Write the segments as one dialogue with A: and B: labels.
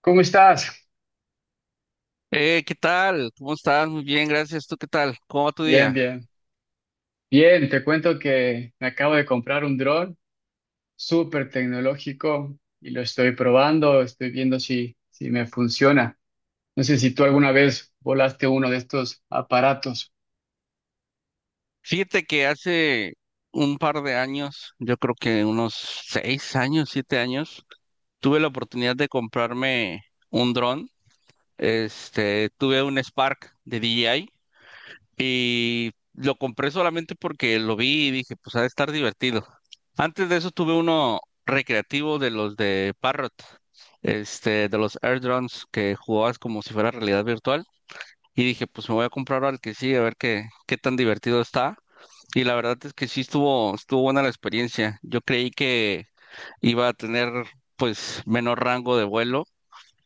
A: ¿Cómo estás?
B: ¿Qué tal? ¿Cómo estás? Muy bien, gracias. ¿Tú qué tal? ¿Cómo va tu
A: Bien,
B: día?
A: bien. Bien, te cuento que me acabo de comprar un dron súper tecnológico y lo estoy probando, estoy viendo si me funciona. No sé si tú alguna vez volaste uno de estos aparatos.
B: Fíjate que hace un par de años, yo creo que unos 6 años, 7 años, tuve la oportunidad de comprarme un dron. Tuve un Spark de DJI y lo compré solamente porque lo vi y dije, pues ha de estar divertido. Antes de eso tuve uno recreativo de los de Parrot, de los Air Drones que jugabas como si fuera realidad virtual. Y dije, pues me voy a comprar al que sí, a ver qué tan divertido está. Y la verdad es que sí estuvo buena la experiencia. Yo creí que iba a tener pues menor rango de vuelo,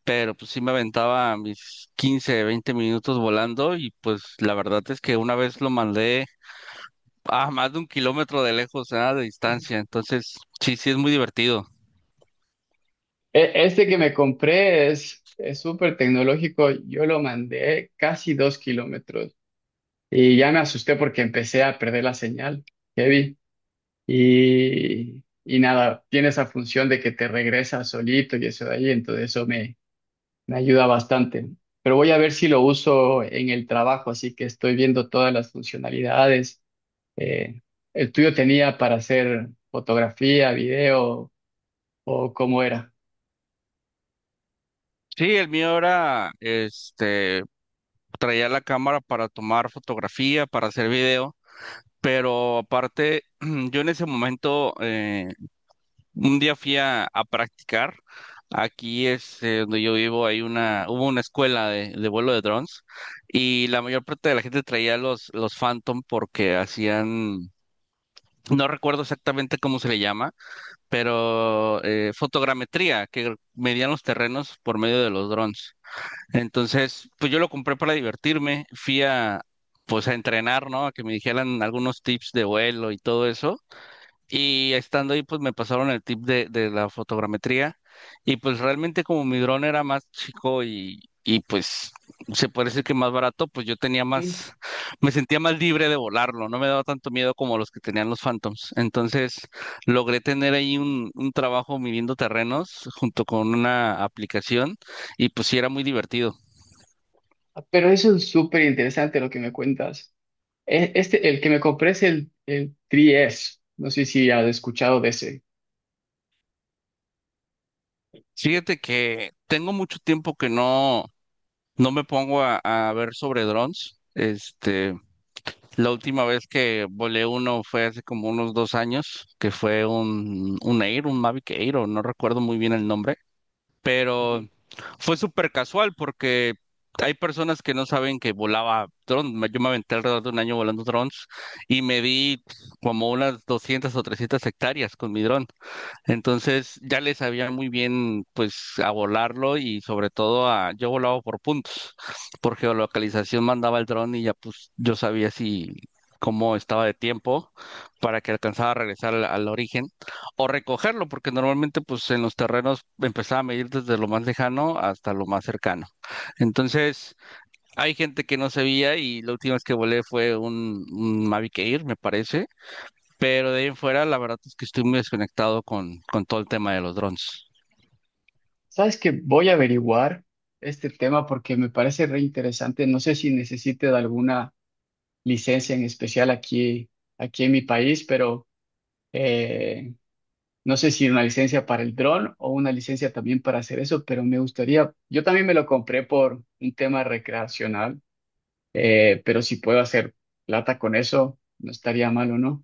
B: pero pues sí me aventaba mis 15 20 minutos volando y pues la verdad es que una vez lo mandé a más de 1 km de distancia. Entonces, sí, sí es muy divertido.
A: Este que me compré es súper tecnológico, yo lo mandé casi 2 km y ya me asusté porque empecé a perder la señal, heavy. Y nada, tiene esa función de que te regresa solito y eso de ahí, entonces eso me ayuda bastante, pero voy a ver si lo uso en el trabajo, así que estoy viendo todas las funcionalidades. Eh, ¿El tuyo tenía para hacer fotografía, video o cómo era?
B: Sí, el mío era, traía la cámara para tomar fotografía, para hacer video. Pero aparte, yo en ese momento, un día fui a practicar. Aquí es donde yo vivo, hubo una escuela de vuelo de drones y la mayor parte de la gente traía los Phantom porque hacían, no recuerdo exactamente cómo se le llama, pero fotogrametría, que medían los terrenos por medio de los drones. Entonces, pues yo lo compré para divertirme, fui pues a entrenar, ¿no? A que me dijeran algunos tips de vuelo y todo eso. Y estando ahí, pues me pasaron el tip de la fotogrametría. Y pues realmente como mi dron era más chico y pues se puede decir que más barato, pues
A: Mm.
B: me sentía más libre de volarlo. No me daba tanto miedo como los que tenían los Phantoms. Entonces logré tener ahí un trabajo midiendo terrenos junto con una aplicación y pues sí era muy divertido.
A: Pero eso es súper interesante lo que me cuentas. Este, el que me compré es el 3S. No sé si has escuchado de ese.
B: Fíjate que tengo mucho tiempo que no me pongo a ver sobre drones. La última vez que volé uno fue hace como unos 2 años, que fue un Mavic Air, o no recuerdo muy bien el nombre, pero
A: Ujú.
B: fue súper casual porque hay personas que no saben que volaba drones. Yo me aventé alrededor de un año volando drones y me di como unas 200 o 300 hectáreas con mi dron. Entonces ya le sabía muy bien pues a volarlo y sobre todo a yo volaba por puntos, por geolocalización mandaba el dron y ya pues yo sabía si cómo estaba de tiempo para que alcanzaba a regresar al origen o recogerlo, porque normalmente pues en los terrenos empezaba a medir desde lo más lejano hasta lo más cercano. Entonces, hay gente que no sabía y la última vez que volé fue un Mavic Air, me parece, pero de ahí en fuera la verdad es que estoy muy desconectado con todo el tema de los drones.
A: ¿Sabes? Que Voy a averiguar este tema porque me parece re interesante. No sé si necesites alguna licencia en especial aquí, aquí en mi país, pero eh, no sé si una licencia para el dron o una licencia también para hacer eso, pero me gustaría, yo también me lo compré por un tema recreacional, pero si puedo hacer plata con eso, no estaría malo, ¿no?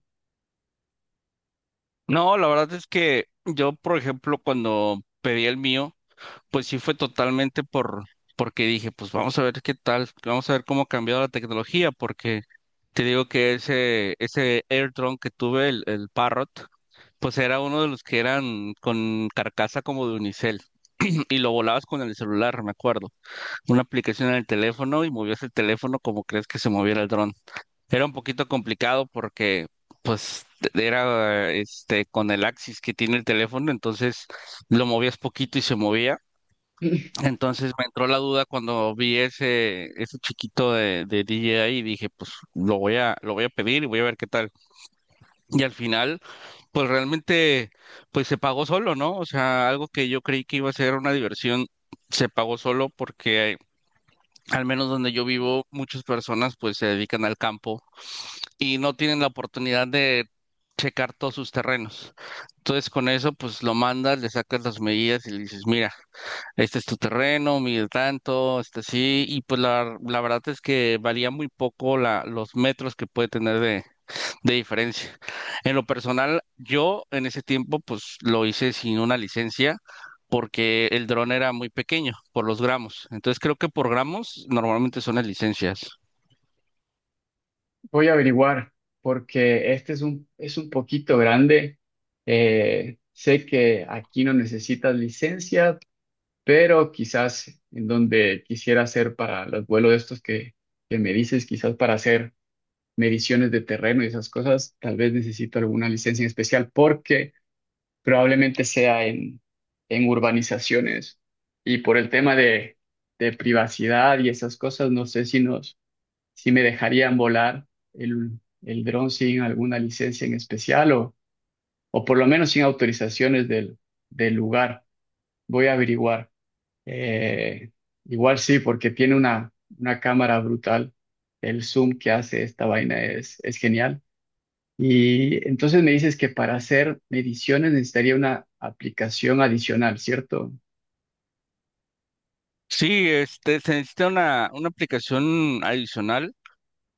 B: No, la verdad es que yo, por ejemplo, cuando pedí el mío, pues sí fue totalmente porque dije, pues vamos a ver qué tal, vamos a ver cómo ha cambiado la tecnología, porque te digo que ese AirDrone que tuve, el Parrot, pues era uno de los que eran con carcasa como de unicel. Y lo volabas con el celular, me acuerdo. Una aplicación en el teléfono y movías el teléfono como crees que se moviera el dron. Era un poquito complicado porque, pues, era con el axis que tiene el teléfono, entonces lo movías poquito y se movía. Entonces me entró la duda cuando vi ese chiquito de DJI y dije, pues lo voy a pedir y voy a ver qué tal. Y al final, pues realmente, pues se pagó solo, ¿no? O sea, algo que yo creí que iba a ser una diversión, se pagó solo porque al menos donde yo vivo, muchas personas pues se dedican al campo y no tienen la oportunidad de checar todos sus terrenos. Entonces con eso pues lo mandas, le sacas las medidas y le dices, mira, este es tu terreno, mide tanto, este sí, y pues la verdad es que varía muy poco los metros que puede tener de diferencia. En lo personal, yo en ese tiempo pues lo hice sin una licencia porque el dron era muy pequeño por los gramos. Entonces creo que por gramos normalmente son las licencias.
A: Voy a averiguar, porque este es un poquito grande. Sé que aquí no necesitas licencia, pero quizás en donde quisiera hacer para los vuelos de estos que me dices, quizás para hacer mediciones de terreno y esas cosas, tal vez necesito alguna licencia en especial porque probablemente sea en urbanizaciones y por el tema de privacidad y esas cosas, no sé si nos, si me dejarían volar el dron sin alguna licencia en especial o por lo menos sin autorizaciones del lugar. Voy a averiguar. Eh, Igual sí, porque tiene una cámara brutal. El zoom que hace esta vaina es genial. Y entonces me dices que para hacer mediciones necesitaría una aplicación adicional, ¿cierto?
B: Sí, se necesita una aplicación adicional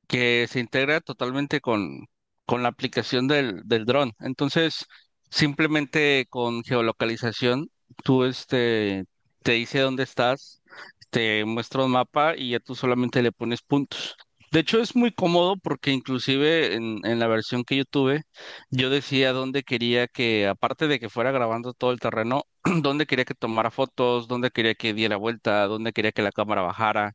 B: que se integra totalmente con la aplicación del dron. Entonces, simplemente con geolocalización, tú te dice dónde estás, te muestra un mapa y ya tú solamente le pones puntos. De hecho, es muy cómodo porque inclusive en la versión que yo tuve, yo decía dónde quería que, aparte de que fuera grabando todo el terreno, dónde quería que tomara fotos, dónde quería que diera vuelta, dónde quería que la cámara bajara,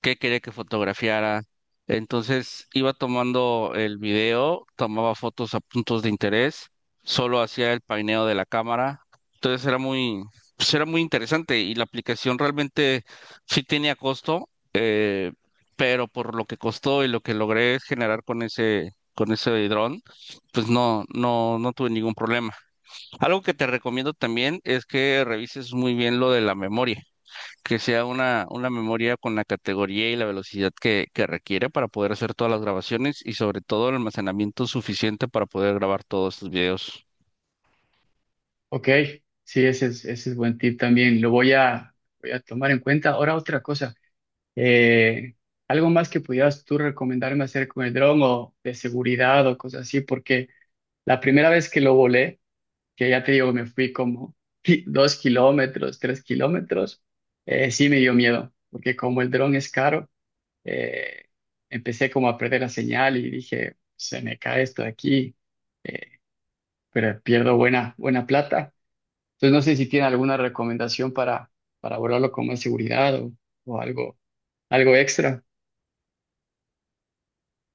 B: qué quería que fotografiara. Entonces iba tomando el video, tomaba fotos a puntos de interés, solo hacía el paineo de la cámara. Entonces pues era muy interesante y la aplicación realmente sí tenía costo, pero por lo que costó y lo que logré generar con ese dron, pues no, no, no tuve ningún problema. Algo que te recomiendo también es que revises muy bien lo de la memoria, que sea una memoria con la categoría y la velocidad que requiere para poder hacer todas las grabaciones y sobre todo el almacenamiento suficiente para poder grabar todos estos videos.
A: Ok, sí, ese es buen tip también. Lo voy voy a tomar en cuenta. Ahora otra cosa. Eh, algo más que pudieras tú recomendarme hacer con el dron o de seguridad o cosas así, porque la primera vez que lo volé, que ya te digo, me fui como 2 km, 3 km, sí me dio miedo, porque como el dron es caro, eh, empecé como a perder la señal y dije, se me cae esto de aquí, pero pierdo buena, buena plata. Entonces no sé si tiene alguna recomendación para volarlo con más seguridad o algo, algo extra.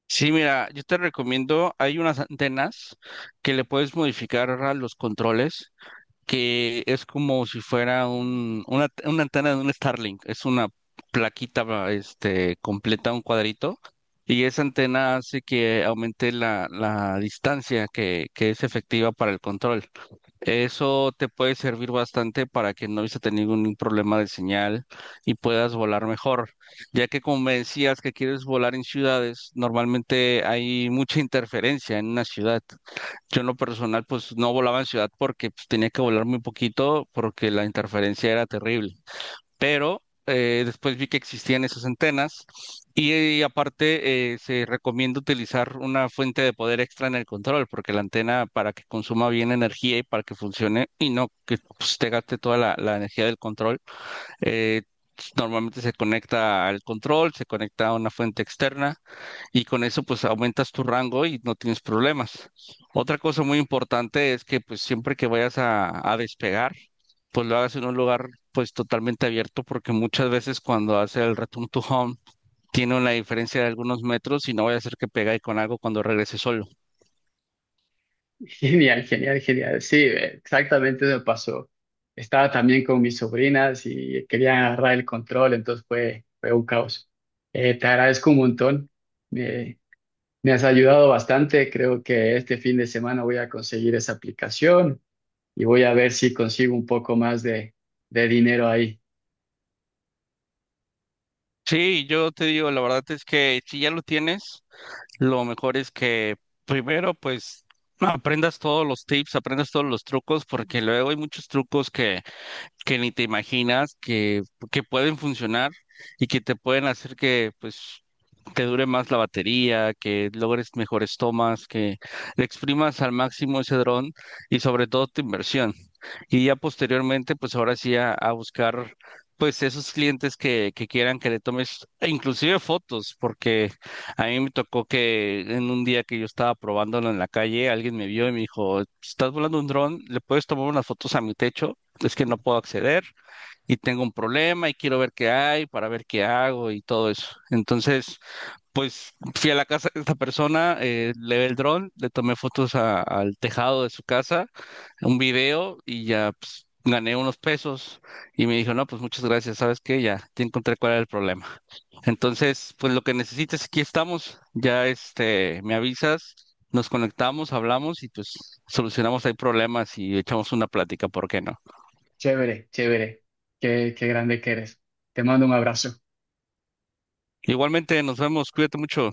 B: Sí, mira, yo te recomiendo, hay unas antenas que le puedes modificar a los controles, que es como si fuera una antena de un Starlink, es una plaquita completa, un cuadrito, y esa antena hace que aumente la distancia que es efectiva para el control. Eso te puede servir bastante para que no vayas a ningún problema de señal y puedas volar mejor, ya que como me decías que quieres volar en ciudades, normalmente hay mucha interferencia en una ciudad. Yo en lo personal pues no volaba en ciudad porque pues, tenía que volar muy poquito porque la interferencia era terrible, pero después vi que existían esas antenas y aparte, se recomienda utilizar una fuente de poder extra en el control, porque la antena para que consuma bien energía y para que funcione y no que pues, te gaste toda la energía del control, eh, normalmente se conecta al control, se conecta a una fuente externa y con eso pues aumentas tu rango y no tienes problemas. Otra cosa muy importante es que pues siempre que vayas a despegar, pues lo hagas en un lugar pues totalmente abierto porque muchas veces cuando hace el return to home tiene una diferencia de algunos metros y no vaya a ser que pegue con algo cuando regrese solo.
A: Genial, genial, genial. Sí, exactamente me pasó. Estaba también con mis sobrinas y querían agarrar el control, entonces fue, fue un caos. Te agradezco un montón. Me, me has ayudado bastante. Creo que este fin de semana voy a conseguir esa aplicación y voy a ver si consigo un poco más de dinero ahí.
B: Sí, yo te digo, la verdad es que si ya lo tienes, lo mejor es que primero, pues, aprendas todos los tips, aprendas todos los trucos, porque luego hay muchos trucos que ni te imaginas que pueden funcionar y que te pueden hacer que pues te dure más la batería, que logres mejores tomas, que le exprimas al máximo ese dron y sobre todo tu inversión. Y ya posteriormente, pues ahora sí a buscar pues esos clientes que quieran que le tomes e inclusive fotos, porque a mí me tocó que en un día que yo estaba probándolo en la calle, alguien me vio y me dijo, estás volando un dron, le puedes tomar unas fotos a mi techo, es que no puedo acceder y tengo un problema y quiero ver qué hay para ver qué hago y todo eso. Entonces, pues fui a la casa de esta persona, le ve el dron, le tomé fotos al tejado de su casa, un video y ya pues, gané unos pesos y me dijo, no, pues muchas gracias, ¿sabes qué? Ya, te encontré cuál era el problema. Entonces, pues lo que necesites, aquí estamos, ya me avisas. Nos conectamos, hablamos y pues solucionamos ahí problemas y echamos una plática, ¿por qué no?
A: Chévere, chévere. Qué, qué grande que eres. Te mando un abrazo.
B: Igualmente, nos vemos, cuídate mucho.